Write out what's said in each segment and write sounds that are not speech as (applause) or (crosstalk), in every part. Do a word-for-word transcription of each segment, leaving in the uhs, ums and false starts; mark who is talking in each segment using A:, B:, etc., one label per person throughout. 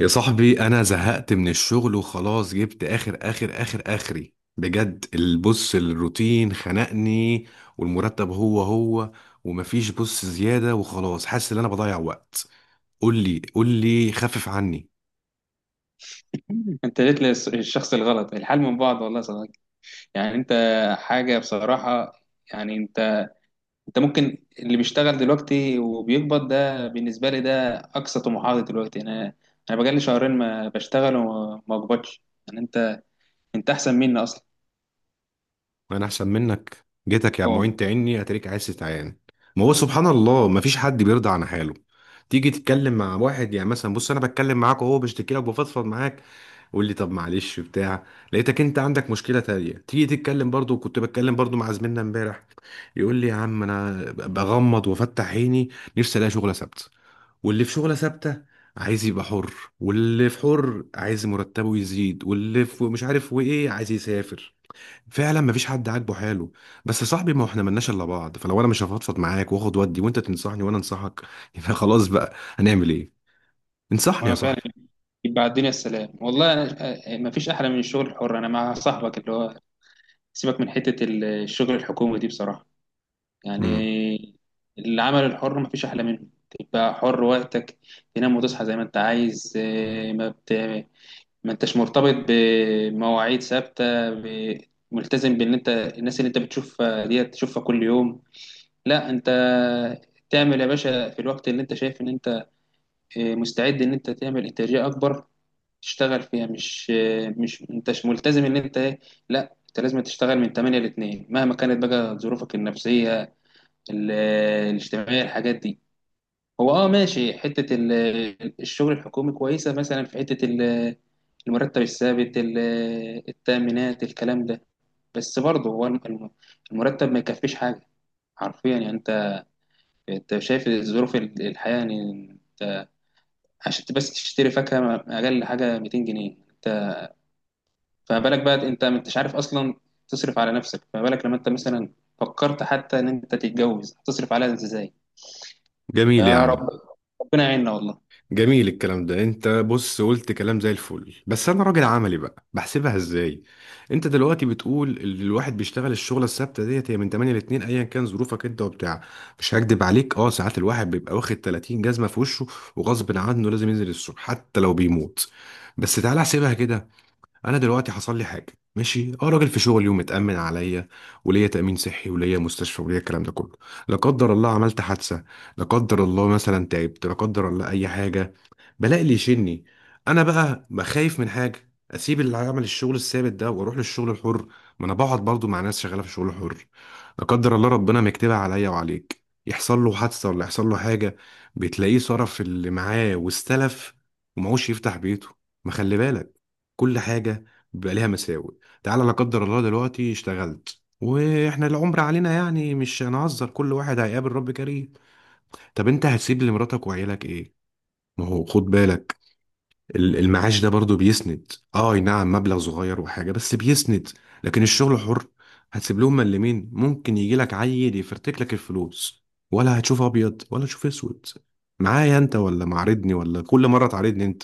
A: يا صاحبي انا زهقت من الشغل وخلاص جبت اخر اخر اخر اخري بجد. البص الروتين خنقني، والمرتب هو هو، ومفيش بص زيادة، وخلاص حاسس ان انا بضيع وقت. قول لي قول لي، خفف عني.
B: انت جيت للشخص الغلط. الحال من بعض والله يا صديقي. يعني انت حاجه بصراحه. يعني انت انت ممكن اللي بيشتغل دلوقتي وبيقبض ده، بالنسبه لي ده اقصى طموحاتي دلوقتي. انا انا بقالي شهرين ما بشتغل وما بقبضش. يعني انت انت احسن مني اصلا.
A: انا احسن منك؟ جيتك يا
B: اه والله.
A: معين تعني اتريك، عايز تتعين. ما هو سبحان الله، ما فيش حد بيرضى عن حاله. تيجي تتكلم مع واحد، يعني مثلا بص انا بتكلم معاك وهو بشتكي لك، بفضفض معاك، قول لي طب معلش بتاع، لقيتك انت عندك مشكله تانية. تيجي تتكلم برضو، كنت بتكلم برضو مع زميلنا امبارح، يقول لي يا عم انا بغمض وافتح عيني، نفسي الاقي شغله ثابته. واللي في شغله ثابته عايز يبقى حر، واللي في حر عايز مرتبه يزيد، واللي في مش عارف وايه عايز يسافر. فعلا مفيش حد عاجبه حاله. بس يا صاحبي ما احنا ملناش الا بعض، فلو انا مش هفضفض معاك واخد ودي، وانت تنصحني وانا انصحك (laughs) يبقى خلاص، بقى هنعمل ايه؟ انصحني يا
B: ما فعلا،
A: صاحبي.
B: يبقى على الدنيا السلام. والله أنا- ما فيش احلى من الشغل الحر. انا مع صاحبك اللي هو، سيبك من حته الشغل الحكومي دي بصراحه.
A: امم
B: يعني العمل الحر مفيش أحلى منه. تبقى حر وقتك، تنام وتصحى زي ما أنت عايز. آه، ما بت... ما أنتش مرتبط بمواعيد ثابتة ب... ملتزم بإن أنت الناس اللي أنت بتشوفها ديت تشوفها كل يوم. لا، أنت تعمل يا باشا في الوقت اللي أنت شايف إن أنت آه، مستعد إن أنت تعمل إنتاجية أكبر تشتغل فيها. مش آه، مش أنتش ملتزم إن أنت إيه، لا أنت لازم تشتغل من ثمانية ل اثنين مهما كانت بقى ظروفك النفسية، ال- الاجتماعية، الحاجات دي. هو اه ماشي، حتة ال- الشغل الحكومي كويسة مثلا، في حتة ال- المرتب الثابت، ال- التأمينات، الكلام ده. بس برضه هو الم- المرتب ما يكفيش حاجة. حرفيا، يعني انت انت شايف ظروف ال- الحياة. يعني انت عشان بس تشتري فاكهة اقل حاجة ميتين جنيه. انت فما بالك بقى، انت ما انتش عارف اصلا تصرف على نفسك، فما بالك لما انت مثلا فكرت حتى ان انت تتجوز تصرف عليها ازاي؟
A: جميل يا
B: يا
A: عم،
B: رب، ربنا يعيننا والله.
A: جميل الكلام ده. انت بص قلت كلام زي الفل، بس انا راجل عملي بقى، بحسبها ازاي. انت دلوقتي بتقول ال- الواحد بيشتغل الشغله الثابته ديت هي من تمانية ل اتنين، ايا كان ظروفك انت وبتاع. مش هكدب عليك اه، ساعات الواحد بيبقى واخد تلاتين جزمه في وشه، وغصب عنه لازم ينزل الصبح حتى لو بيموت. بس تعالى احسبها كده. انا دلوقتي حصل لي حاجه، ماشي اه راجل في شغلي ومتامن عليا، وليا تامين صحي، وليا مستشفى، وليا الكلام ده كله. لا قدر الله عملت حادثه، لا قدر الله مثلا تعبت، لا قدر الله اي حاجه، بلاقي اللي يشني. انا بقى بخايف من حاجه اسيب اللي عمل الشغل الثابت ده واروح للشغل الحر. ما انا بقعد برضو مع ناس شغاله في الشغل الحر، لا قدر الله ربنا مكتبها عليا وعليك، يحصل له حادثه ولا يحصل له حاجه، بتلاقيه صرف اللي معاه واستلف، ومعوش يفتح بيته. ما خلي بالك، كل حاجه بيبقى ليها مساوئ. تعالى لا قدر الله دلوقتي اشتغلت، واحنا العمر علينا يعني مش هنهزر، كل واحد هيقابل رب كريم، طب انت هتسيب لمراتك وعيالك ايه؟ ما هو خد بالك، ال- المعاش ده برضو بيسند، اه أي نعم مبلغ صغير وحاجة، بس بيسند. لكن الشغل حر، هتسيب لهم ملمين، ممكن يجي لك عيل يفرتك لك الفلوس، ولا هتشوف ابيض ولا تشوف اسود. معايا انت ولا معارضني؟ ولا كل مرة تعارضني؟ انت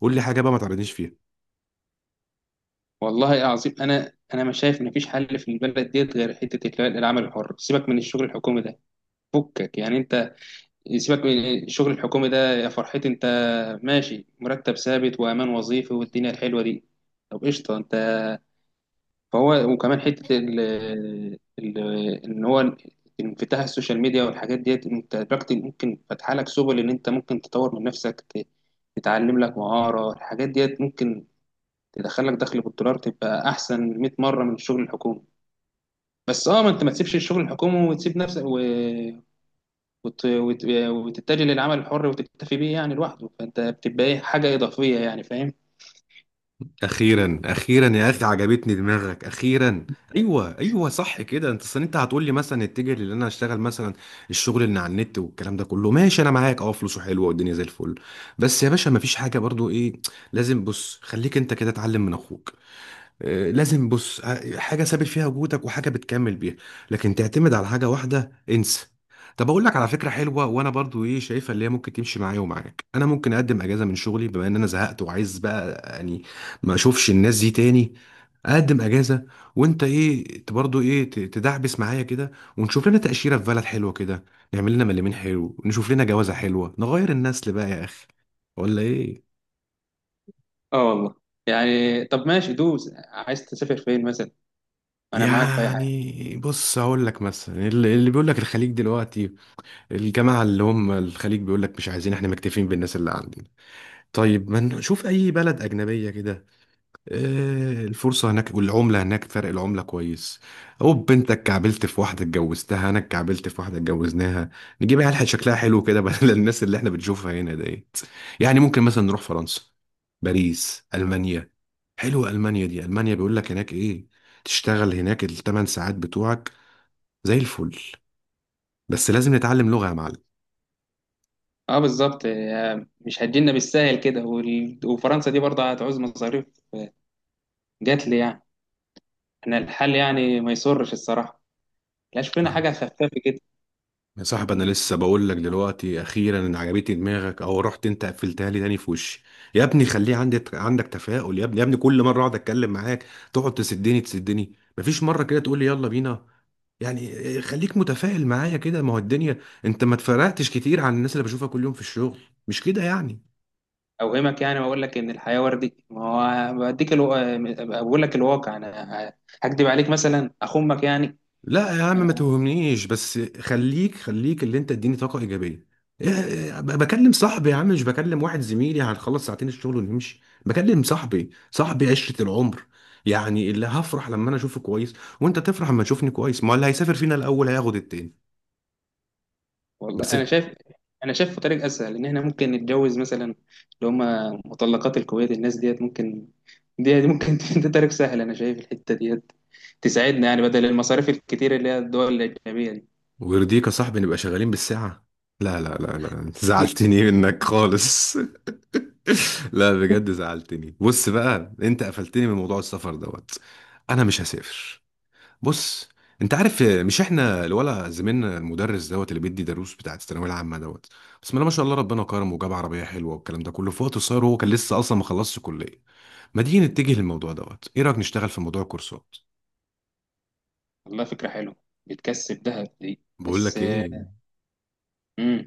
A: قول لي حاجة بقى ما تعارضنيش فيها.
B: والله عظيم، انا انا مش شايف ان فيش حل في البلد ديت غير حته اللي هو العمل الحر. سيبك من الشغل الحكومي ده، فكك. يعني انت سيبك من الشغل الحكومي ده يا فرحتي. انت ماشي مرتب ثابت وامان وظيفي والدنيا الحلوه دي. طب قشطه. انت فهو وكمان حته ال ال ان هو انفتاح السوشيال ميديا والحاجات ديت، انت دلوقتي ممكن فاتحه لك سبل ان انت ممكن تطور من نفسك، ت- تتعلم لك مهاره. الحاجات ديت ممكن تدخلك دخل بالدولار، تبقى احسن مئة مره من الشغل الحكومي. بس اه، ما انت ما تسيبش الشغل الحكومي وتسيب نفسك و... وت... وت... وتتجه للعمل الحر وتكتفي بيه يعني لوحده. فانت بتبقى ايه، حاجه اضافيه يعني، فاهم؟
A: اخيرا اخيرا يا اخي عجبتني دماغك، اخيرا. ايوه ايوه، صح كده. انت اصل انت هتقول لي مثلا اتجه لان انا اشتغل مثلا الشغل اللي على النت والكلام ده كله. ماشي انا معاك، اه فلوسه حلوه والدنيا زي الفل، بس يا باشا مفيش حاجه برضو ايه، لازم بص خليك انت كده اتعلم من اخوك، آه، لازم بص ع- حاجه ثابت فيها وجودك، وحاجه بتكمل بيها. لكن تعتمد على حاجه واحده؟ انسى. طب اقول لك على فكره حلوه، وانا برضو ايه شايفها، اللي هي ممكن تمشي معايا ومعاك. انا ممكن اقدم اجازه من شغلي، بما ان انا زهقت وعايز بقى يعني ما اشوفش الناس دي تاني، اقدم اجازه، وانت ايه ت- برضو ايه ت- تدعبس معايا كده، ونشوف لنا تاشيره في بلد حلوه كده، نعمل لنا مليمين حلو، نشوف لنا جوازه حلوه، نغير النسل بقى يا اخي، ولا ايه؟
B: اه والله. يعني طب ماشي دوس، عايز تسافر فين مثلا؟ انا معاك في اي حاجه.
A: يعني بص هقول لك مثلا، اللي اللي بيقول لك الخليج دلوقتي، الجماعه اللي هم الخليج بيقول لك مش عايزين، احنا مكتفين بالناس اللي عندنا. طيب ما نشوف اي بلد اجنبيه كده، آه، الفرصة هناك والعملة هناك، فرق العملة كويس. أوب أنت اتكعبلت في واحدة اتجوزتها، أنا اتكعبلت في واحدة اتجوزناها، نجيب عيال شكلها حلو كده (laughs) بدل الناس اللي احنا بنشوفها هنا ديت. يعني ممكن مثلا نروح فرنسا، باريس، ألمانيا. حلوة ألمانيا دي، ألمانيا بيقول لك هناك إيه، تشتغل هناك الثمان ساعات بتوعك، زي الفل. بس لازم نتعلم لغة. يا
B: اه بالظبط. آه، مش هتجينا بالساهل كده وال... وفرنسا دي برضه هتعوز مصاريف، جات لي يعني. احنا الحل يعني ما يسرش الصراحه. لا، شوف لنا
A: معلم،
B: حاجه خفافه كده.
A: يا صاحبي، انا
B: يعني
A: لسه بقول لك دلوقتي اخيرا ان عجبتني دماغك، او رحت انت قفلتها لي تاني في وشي. يا ابني خليه عندي عندك تفاؤل، يا ابني يا ابني، كل مره اقعد اتكلم معاك تقعد تسدني تسدني. مفيش مره كده تقول لي يلا بينا، يعني إيه، خليك متفائل معايا كده. ما هو الدنيا، انت ما اتفرقتش كتير عن الناس اللي بشوفها كل يوم في الشغل، مش كده يعني؟
B: اوهمك يعني واقول لك ان الحياه وردي؟ ما هو بديك الو... آه، بقول لك الواقع. انا هكدب عليك مثلا، اخمك يعني؟
A: لا يا عم
B: انا
A: ما توهمنيش، بس خليك خليك اللي انت اديني طاقة إيجابية. إيه- إيه، ب- بكلم صاحبي يا عم، مش بكلم واحد زميلي هنخلص ساعتين الشغل ونمشي. بكلم صاحبي، صاحبي عشرة العمر، يعني اللي هفرح لما انا اشوفه كويس، وانت تفرح لما تشوفني كويس. ما اللي هيسافر فينا الاول هياخد التاني.
B: والله،
A: بس
B: انا شايف انا شايف طريق اسهل، ان احنا ممكن نتجوز مثلا اللي هم مطلقات الكويت. الناس ديت ممكن، دي ممكن (laughs) ده طريق سهل انا شايف، الحته ديت تساعدنا يعني بدل المصاريف الكتير اللي هي الدول الاجنبيه دي.
A: ويرضيك يا صاحبي نبقى شغالين بالساعة؟ لا لا لا لا، انت زعلتني منك خالص (laughs) لا بجد
B: (laughs)
A: زعلتني، بص بقى انت قفلتني من موضوع السفر دوت، انا مش هسافر. بص انت عارف آه، مش احنا الولا زميلنا المدرس دوت اللي بيدي دروس بتاعت الثانويه العامه دوت؟ بسم الله ما شاء الله، ربنا كرمه وجاب عربيه حلوه والكلام ده كله في وقت قصير، وهو كان لسه اصلا ما خلصش كليه. ما تيجي نتجه للموضوع دوت، ايه رايك نشتغل في موضوع الكورسات؟
B: والله فكره حلوه، بتكسب دهب دي.
A: بقول
B: بس
A: لك
B: آه،
A: ايه،
B: مم.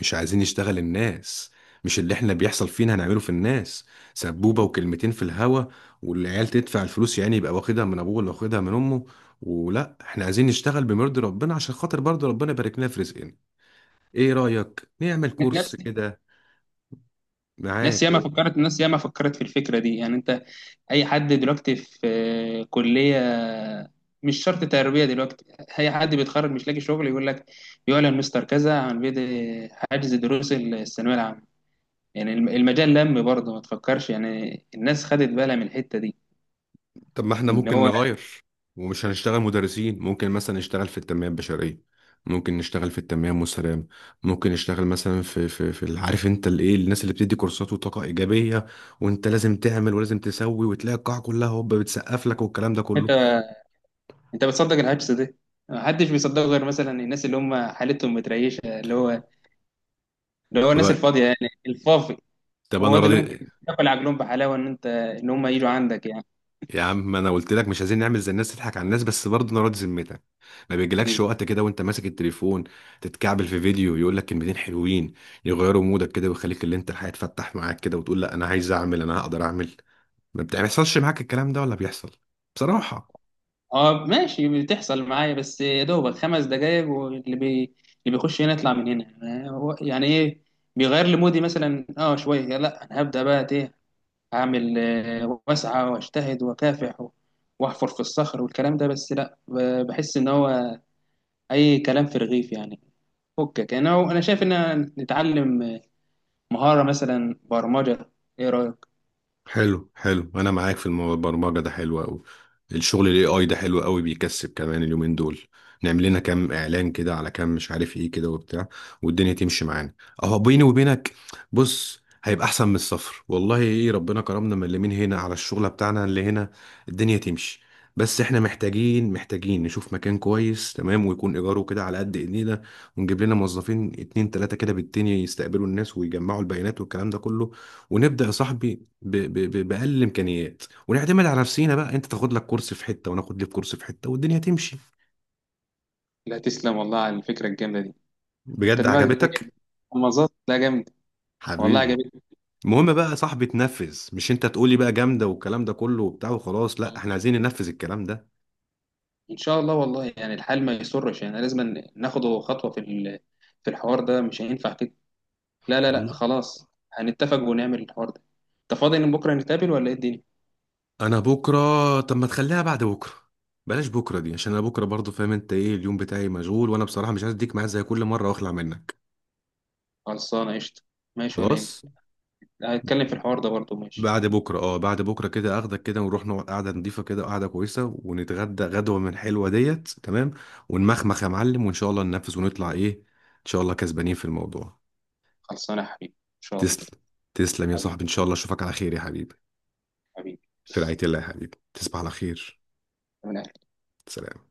A: مش عايزين نشتغل الناس، مش اللي احنا بيحصل فينا هنعمله في الناس، سبوبه وكلمتين في الهوا والعيال تدفع الفلوس، يعني يبقى واخدها من ابوه ولا واخدها من امه. ولا احنا عايزين نشتغل بمرضي ربنا عشان خاطر برضه ربنا يبارك لنا في رزقنا. ايه رأيك نعمل
B: ناس
A: كورس كده
B: ناس
A: معاك
B: ياما
A: و...
B: فكرت ناس ياما فكرت في الفكره دي. يعني انت اي حد دلوقتي في كليه، مش شرط تربيه دلوقتي، اي حد بيتخرج مش لاقي شغل يقول لك يعلن مستر كذا عن بدء حجز دروس الثانويه العامه. يعني الم- المجال لم برضه، ما تفكرش يعني الناس خدت بالها من الحته دي.
A: طب ما احنا
B: ان
A: ممكن
B: هو
A: نغير ومش هنشتغل مدرسين، ممكن مثلا نشتغل في التنمية البشرية، ممكن نشتغل في التنمية المستدامة، ممكن نشتغل مثلا في في في ال- عارف انت الايه، الناس اللي بتدي كورسات وطاقة إيجابية، وانت لازم تعمل ولازم تسوي، وتلاقي القاعة كلها هوب بتسقف لك والكلام ده
B: انت
A: كله.
B: انت بتصدق الحجز ده؟ محدش بيصدقه غير مثلا الناس اللي هم حالتهم متريشه، اللي هو اللي هو
A: طب
B: الناس الفاضيه يعني، الفافي.
A: طب
B: هو
A: انا
B: ده اللي
A: راضي.
B: ممكن تاكل عجلهم بحلاوه، ان انت، ان هم يجوا عندك.
A: يا عم ما انا قلت لك مش عايزين نعمل زي الناس تضحك على الناس، بس برضه نراضي ذمتك. ما بيجيلكش
B: يعني
A: وقت كده وانت ماسك التليفون تتكعبل في فيديو يقول لك كلمتين حلوين، يغيروا مودك كده ويخليك اللي انت الحياة تفتح معاك كده، وتقول لا انا عايز اعمل، انا هقدر اعمل؟ ما بتحصلش معاك الكلام ده ولا بيحصل؟ بصراحة.
B: اه ماشي، بتحصل معايا بس يا دوبك خمس دقايق واللي بي... اللي بيخش هنا يطلع من هنا. آه، هو- يعني ايه بيغير لي مودي مثلا اه شويه. لا، انا هبدا بقى، ايه، اعمل، آه، واسعى واجتهد واكافح و- واحفر في الصخر والكلام ده. بس لا، ب- بحس ان هو اي كلام في رغيف يعني. فكك، انا هو- انا شايف ان نتعلم مهاره مثلا برمجه، ايه رايك؟
A: حلو حلو، انا معاك في المو- البرمجه ده حلو قوي. الشغل الاي اي ده حلو قوي، بيكسب كمان اليومين دول. نعمل لنا كام اعلان كده على كام، مش عارف ايه كده وبتاع، والدنيا تمشي معانا. اهو بيني وبينك بص هيبقى احسن من الصفر. والله ايه، ربنا كرمنا من اللي من هنا على الشغله بتاعنا اللي هنا، الدنيا تمشي. بس احنا محتاجين محتاجين نشوف مكان كويس تمام، ويكون ايجاره كده على قد ايدينا، ونجيب لنا موظفين اتنين تلاتة كده بالدنيا يستقبلوا الناس ويجمعوا البيانات والكلام ده كله. ونبدأ يا صاحبي ب... ب... ب... باقل الامكانيات، ونعتمد على نفسينا. بقى انت تاخد لك كورس في حته، وناخد لي في كورس في حته، والدنيا تمشي.
B: لا تسلم والله على الفكره الجامده دي. انت
A: بجد
B: دماغك دي
A: عجبتك؟
B: مظبط، لا جامد. والله
A: حبيبي.
B: عجبتني.
A: المهم بقى يا صاحبي تنفذ، مش انت تقولي بقى جامده والكلام ده كله وبتاع وخلاص، لا احنا عايزين ننفذ الكلام ده.
B: ان شاء الله. والله يعني الحال ما يسرش يعني لازم ناخده خطوه في ال- في الحوار ده. مش هينفع كده، لا لا لا
A: والله.
B: خلاص. هنتفق ونعمل الحوار ده. انت فاضي ان بكره نتقابل ولا ايه الدنيا؟
A: انا بكره؟ طب ما تخليها بعد بكره، بلاش بكره دي عشان انا بكره برضو فاهم انت ايه، اليوم بتاعي مشغول، وانا بصراحه مش عايز اديك معايا زي كل مره واخلع منك.
B: خلصانه قشطه، ماشي ولا ايه؟
A: خلاص،
B: هنتكلم في الحوار ده برضه، ماشي.
A: بعد بكره اه، بعد بكره كده اخدك كده ونروح نقعد قعده نضيفه كده، قعده كويسه، ونتغدى غدوه من حلوه ديت، تمام. ونمخمخ يا معلم، وان شاء الله ننفذ ونطلع ايه، ان شاء الله كسبانين في الموضوع.
B: خلصانه يا حبيبي ان شاء الله.
A: تسلم، تسلم يا
B: حبيبي،
A: صاحبي، ان شاء الله اشوفك على خير يا حبيبي.
B: حبيبي،
A: في رعايه الله يا حبيبي، تصبح على خير.
B: من
A: سلام.